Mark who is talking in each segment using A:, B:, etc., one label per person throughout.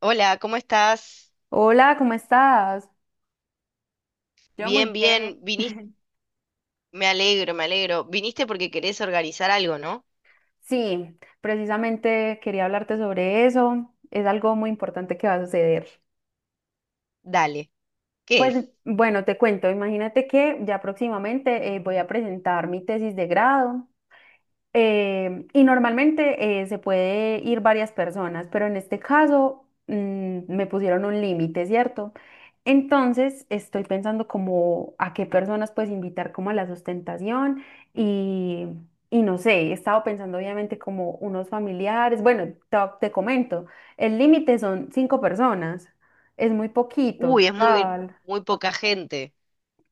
A: Hola, ¿cómo estás?
B: Hola, ¿cómo estás? Yo muy
A: Bien, bien.
B: bien.
A: Viniste, me alegro, me alegro. Viniste porque querés organizar algo, ¿no?
B: Sí, precisamente quería hablarte sobre eso. Es algo muy importante que va a suceder.
A: Dale. ¿Qué
B: Pues
A: es?
B: bueno, te cuento, imagínate que ya próximamente voy a presentar mi tesis de grado. Y normalmente se puede ir varias personas, pero en este caso me pusieron un límite, ¿cierto? Entonces estoy pensando como a qué personas puedes invitar como a la sustentación y, y no sé, he estado pensando obviamente como unos familiares, bueno, te comento, el límite son cinco personas, es muy poquito,
A: Uy, es muy,
B: total.
A: muy poca gente.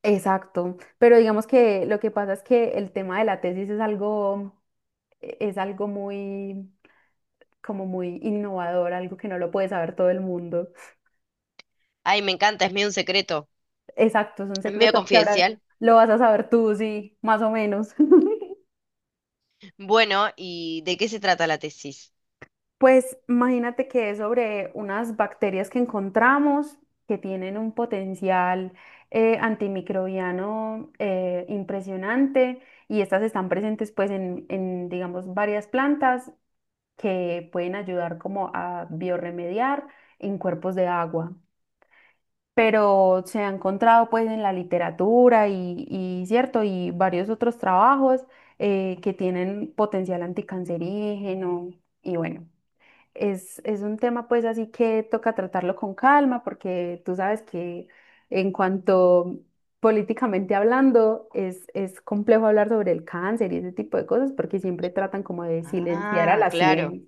B: Exacto, pero digamos que lo que pasa es que el tema de la tesis es algo es algo muy, como muy innovador, algo que no lo puede saber todo el mundo.
A: Ay, me encanta, es medio un secreto,
B: Exacto, es un
A: es medio
B: secreto que ahora
A: confidencial.
B: lo vas a saber tú, sí, más o menos.
A: Bueno, ¿y de qué se trata la tesis?
B: Pues imagínate que es sobre unas bacterias que encontramos que tienen un potencial antimicrobiano impresionante, y estas están presentes pues en, digamos, varias plantas que pueden ayudar como a biorremediar en cuerpos de agua. Pero se ha encontrado pues en la literatura y, cierto, y varios otros trabajos que tienen potencial anticancerígeno, y bueno, es un tema pues así que toca tratarlo con calma, porque tú sabes que en cuanto políticamente hablando es complejo hablar sobre el cáncer y ese tipo de cosas, porque siempre tratan como de silenciar a
A: Ah,
B: la
A: claro.
B: ciencia.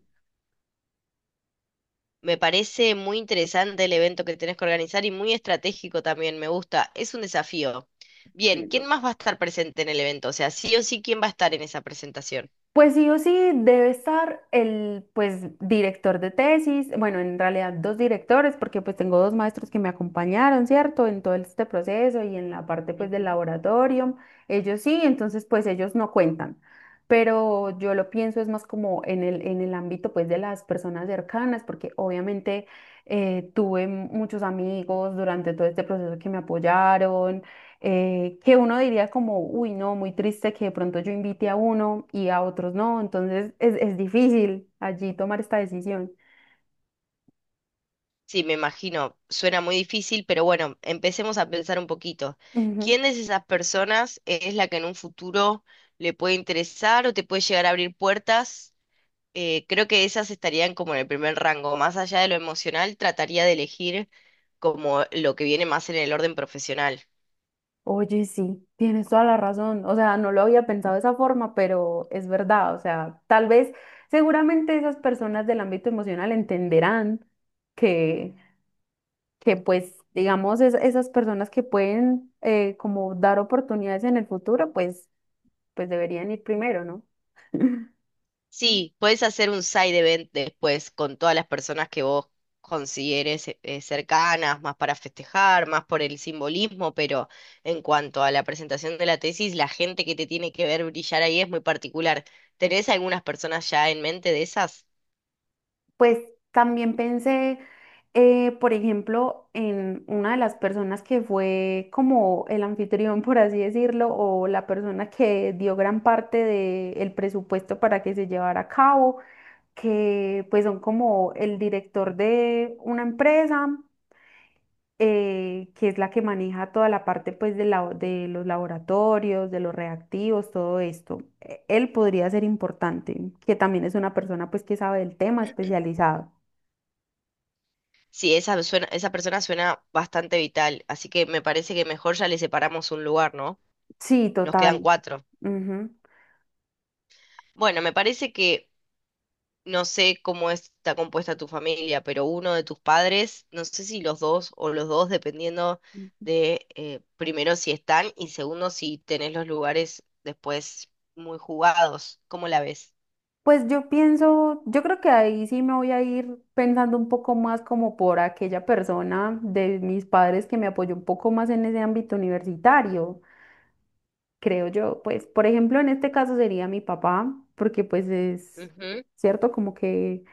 A: Me parece muy interesante el evento que tenés que organizar y muy estratégico también, me gusta. Es un desafío. Bien, ¿quién más va a estar presente en el evento? O sea, sí o sí, ¿quién va a estar en esa presentación?
B: Pues sí o sí debe estar el pues director de tesis, bueno, en realidad dos directores, porque pues tengo dos maestros que me acompañaron, ¿cierto? En todo este proceso y en la parte pues del
A: Ujú.
B: laboratorio, ellos sí, entonces pues ellos no cuentan. Pero yo lo pienso es más como en en el ámbito pues de las personas cercanas, porque obviamente tuve muchos amigos durante todo este proceso que me apoyaron, que uno diría como, uy, no, muy triste que de pronto yo invite a uno y a otros no, entonces es difícil allí tomar esta decisión.
A: Sí, me imagino, suena muy difícil, pero bueno, empecemos a pensar un poquito.
B: Ujú.
A: ¿Quién de esas personas es la que en un futuro le puede interesar o te puede llegar a abrir puertas? Creo que esas estarían como en el primer rango. Más allá de lo emocional, trataría de elegir como lo que viene más en el orden profesional.
B: Oye, sí, tienes toda la razón. O sea, no lo había pensado de esa forma, pero es verdad. O sea, tal vez, seguramente esas personas del ámbito emocional entenderán que, que pues, digamos, esas personas que pueden como dar oportunidades en el futuro, pues, pues deberían ir primero, ¿no?
A: Sí, puedes hacer un side event después con todas las personas que vos consideres cercanas, más para festejar, más por el simbolismo, pero en cuanto a la presentación de la tesis, la gente que te tiene que ver brillar ahí es muy particular. ¿Tenés algunas personas ya en mente de esas?
B: Pues también pensé, por ejemplo, en una de las personas que fue como el anfitrión, por así decirlo, o la persona que dio gran parte del presupuesto para que se llevara a cabo, que pues son como el director de una empresa, que es la que maneja toda la parte pues de, de los laboratorios, de los reactivos, todo esto. Él podría ser importante, que también es una persona pues que sabe del tema especializado.
A: Sí, esa suena- esa persona suena bastante vital, así que me parece que mejor ya le separamos un lugar, ¿no?
B: Sí,
A: Nos quedan
B: total.
A: cuatro.
B: Ujú.
A: Bueno, me parece que no sé cómo está compuesta tu familia, pero uno de tus padres, no sé si los dos o los dos, dependiendo de primero si están y segundo si tenés los lugares después muy jugados. ¿Cómo la ves?
B: Pues yo pienso, yo creo que ahí sí me voy a ir pensando un poco más como por aquella persona de mis padres que me apoyó un poco más en ese ámbito universitario, creo yo. Pues, por ejemplo, en este caso sería mi papá, porque pues es
A: Ujú.
B: cierto como que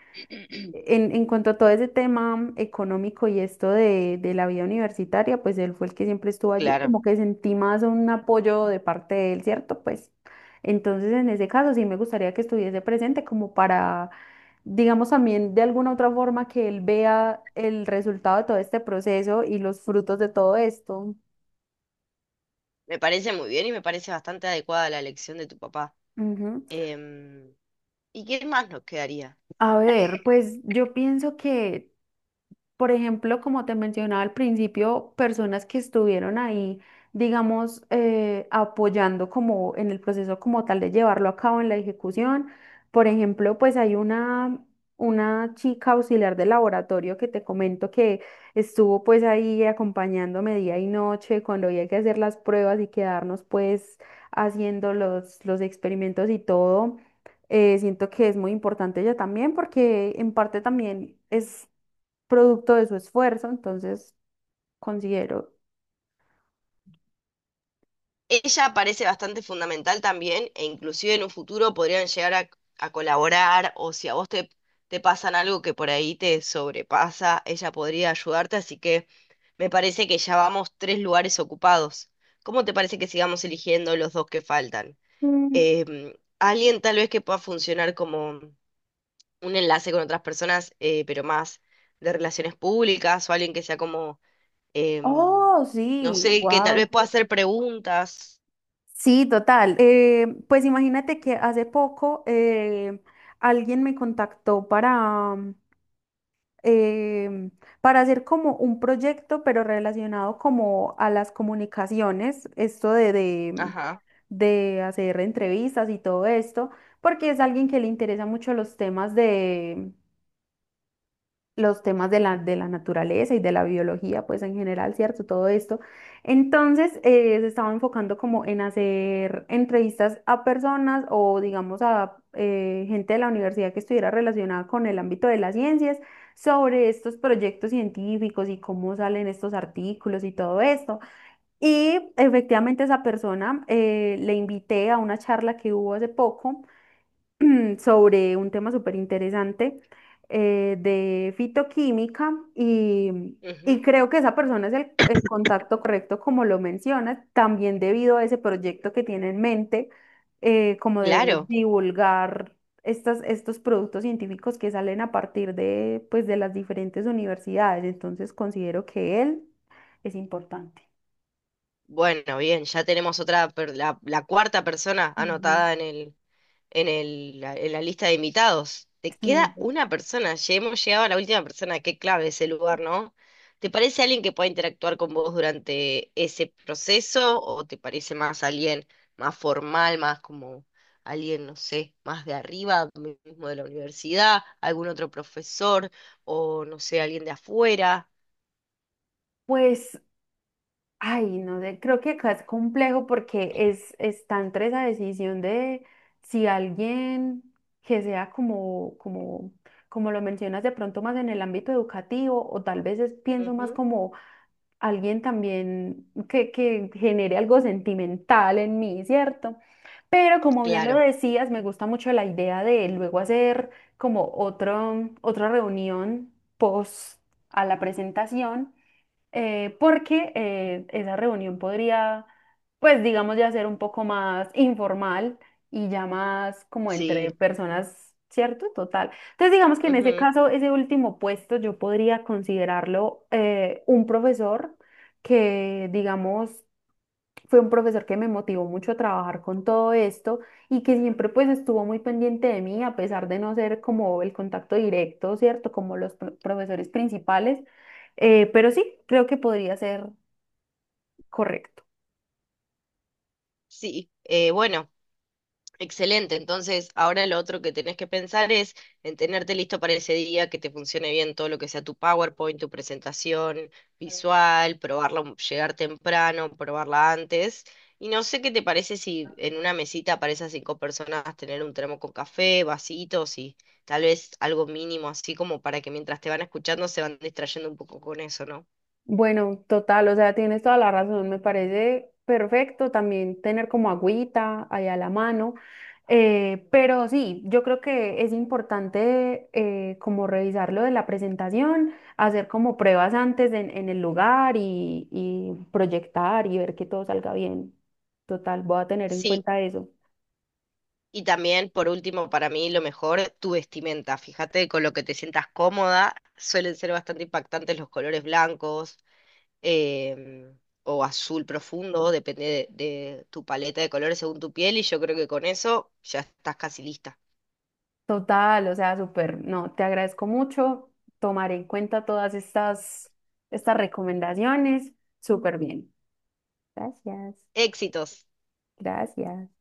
B: en cuanto a todo ese tema económico y esto de la vida universitaria, pues él fue el que siempre estuvo allí,
A: Claro,
B: como que sentí más un apoyo de parte de él, ¿cierto? Pues entonces en ese caso sí me gustaría que estuviese presente como para, digamos también de alguna otra forma que él vea el resultado de todo este proceso y los frutos de todo esto.
A: me parece muy bien y me parece bastante adecuada la elección de tu papá.
B: Ujú.
A: Em, ¿Y qué más nos quedaría?
B: A ver, pues yo pienso que por ejemplo, como te mencionaba al principio, personas que estuvieron ahí, digamos, apoyando como en el proceso como tal de llevarlo a cabo en la ejecución. Por ejemplo, pues hay una chica auxiliar de laboratorio que te comento que estuvo pues ahí acompañándome día y noche cuando había que hacer las pruebas y quedarnos pues haciendo los experimentos y todo, siento que es muy importante ella también, porque en parte también es producto de su esfuerzo, entonces considero,
A: Ella parece bastante fundamental también e inclusive en un futuro podrían llegar a colaborar o si a vos te, te pasan algo que por ahí te sobrepasa, ella podría ayudarte, así que me parece que ya vamos tres lugares ocupados. ¿Cómo te parece que sigamos eligiendo los dos que faltan?
B: mm,
A: Em, Alguien tal vez que pueda funcionar como un enlace con otras personas, pero más de relaciones públicas o alguien que sea como, em,
B: oh,
A: no
B: sí,
A: sé, que tal vez
B: wow.
A: pueda hacer preguntas.
B: Sí, total. Pues imagínate que hace poco alguien me contactó em, para hacer como un proyecto, pero relacionado como a las comunicaciones, esto
A: Ajá.
B: de hacer entrevistas y todo esto, porque es alguien que le interesa mucho los temas de de la naturaleza y de la biología, pues en general, ¿cierto? Todo esto. Entonces, se estaba enfocando como en hacer entrevistas a personas o, digamos, a gente de la universidad que estuviera relacionada con el ámbito de las ciencias, sobre estos proyectos científicos y cómo salen estos artículos y todo esto. Y efectivamente esa persona, le invité a una charla que hubo hace poco sobre un tema súper interesante de fitoquímica,
A: Ujú.
B: y creo que esa persona es el contacto correcto, como lo mencionas, también debido a ese proyecto que tiene en mente, como de
A: Claro.
B: divulgar estas, estos productos científicos que salen a partir de, pues, de las diferentes universidades. Entonces considero que él es importante.
A: Bueno, bien, ya tenemos otra, per- la cuarta persona
B: Ujú.
A: anotada en el, la- en la lista de invitados. Te
B: Sí,
A: queda una persona, ya hemos llegado a la última persona, qué clave ese lugar, ¿no? ¿Te parece alguien que pueda interactuar con vos durante ese proceso o te parece más alguien más formal, más como alguien, no sé, más de arriba, mismo de la universidad, algún otro profesor o, no sé, alguien de afuera?
B: pues ay, no sé, creo que acá es complejo porque es, está entre esa decisión de si alguien que sea como lo mencionas de pronto más en el ámbito educativo o tal vez pienso más
A: Ujú.
B: como alguien también que genere algo sentimental en mí, ¿cierto? Pero como bien lo
A: Claro,
B: decías, me gusta mucho la idea de luego hacer como otra reunión post a la presentación, porque esa reunión podría, pues digamos, ya ser un poco más informal y ya más como
A: sí.
B: entre personas, ¿cierto? Total. Entonces, digamos que en ese
A: Ujú.
B: caso, ese último puesto yo podría considerarlo un profesor que, digamos, fue un profesor que me motivó mucho a trabajar con todo esto y que siempre pues estuvo muy pendiente de mí, a pesar de no ser como el contacto directo, ¿cierto? Como los profesores principales. Pero sí, creo que podría ser correcto.
A: Sí, bueno, excelente. Entonces, ahora lo otro que tenés que pensar es en tenerte listo para ese día, que te funcione bien todo lo que sea tu PowerPoint, tu presentación visual, probarla, un- llegar temprano, probarla antes. Y no sé qué te parece si en una mesita para esas 5 personas tener un termo con café, vasitos y tal vez algo mínimo así como para que mientras te van escuchando se van distrayendo un poco con eso, ¿no?
B: Bueno, total, o sea, tienes toda la razón, me parece perfecto también tener como agüita ahí a la mano, pero sí, yo creo que es importante como revisar lo de la presentación, hacer como pruebas antes en el lugar y proyectar y ver que todo salga bien. Total, voy a tener en
A: Sí.
B: cuenta eso.
A: Y también, por último, para mí lo mejor, tu vestimenta. Fíjate con lo que te sientas cómoda. Suelen ser bastante impactantes los colores blancos, em, o azul profundo, depende de tu paleta de colores según tu piel. Y yo creo que con eso ya estás casi lista.
B: Total, o sea, súper, no, te agradezco mucho, tomaré en cuenta estas recomendaciones, súper bien. Gracias,
A: Éxitos.
B: gracias.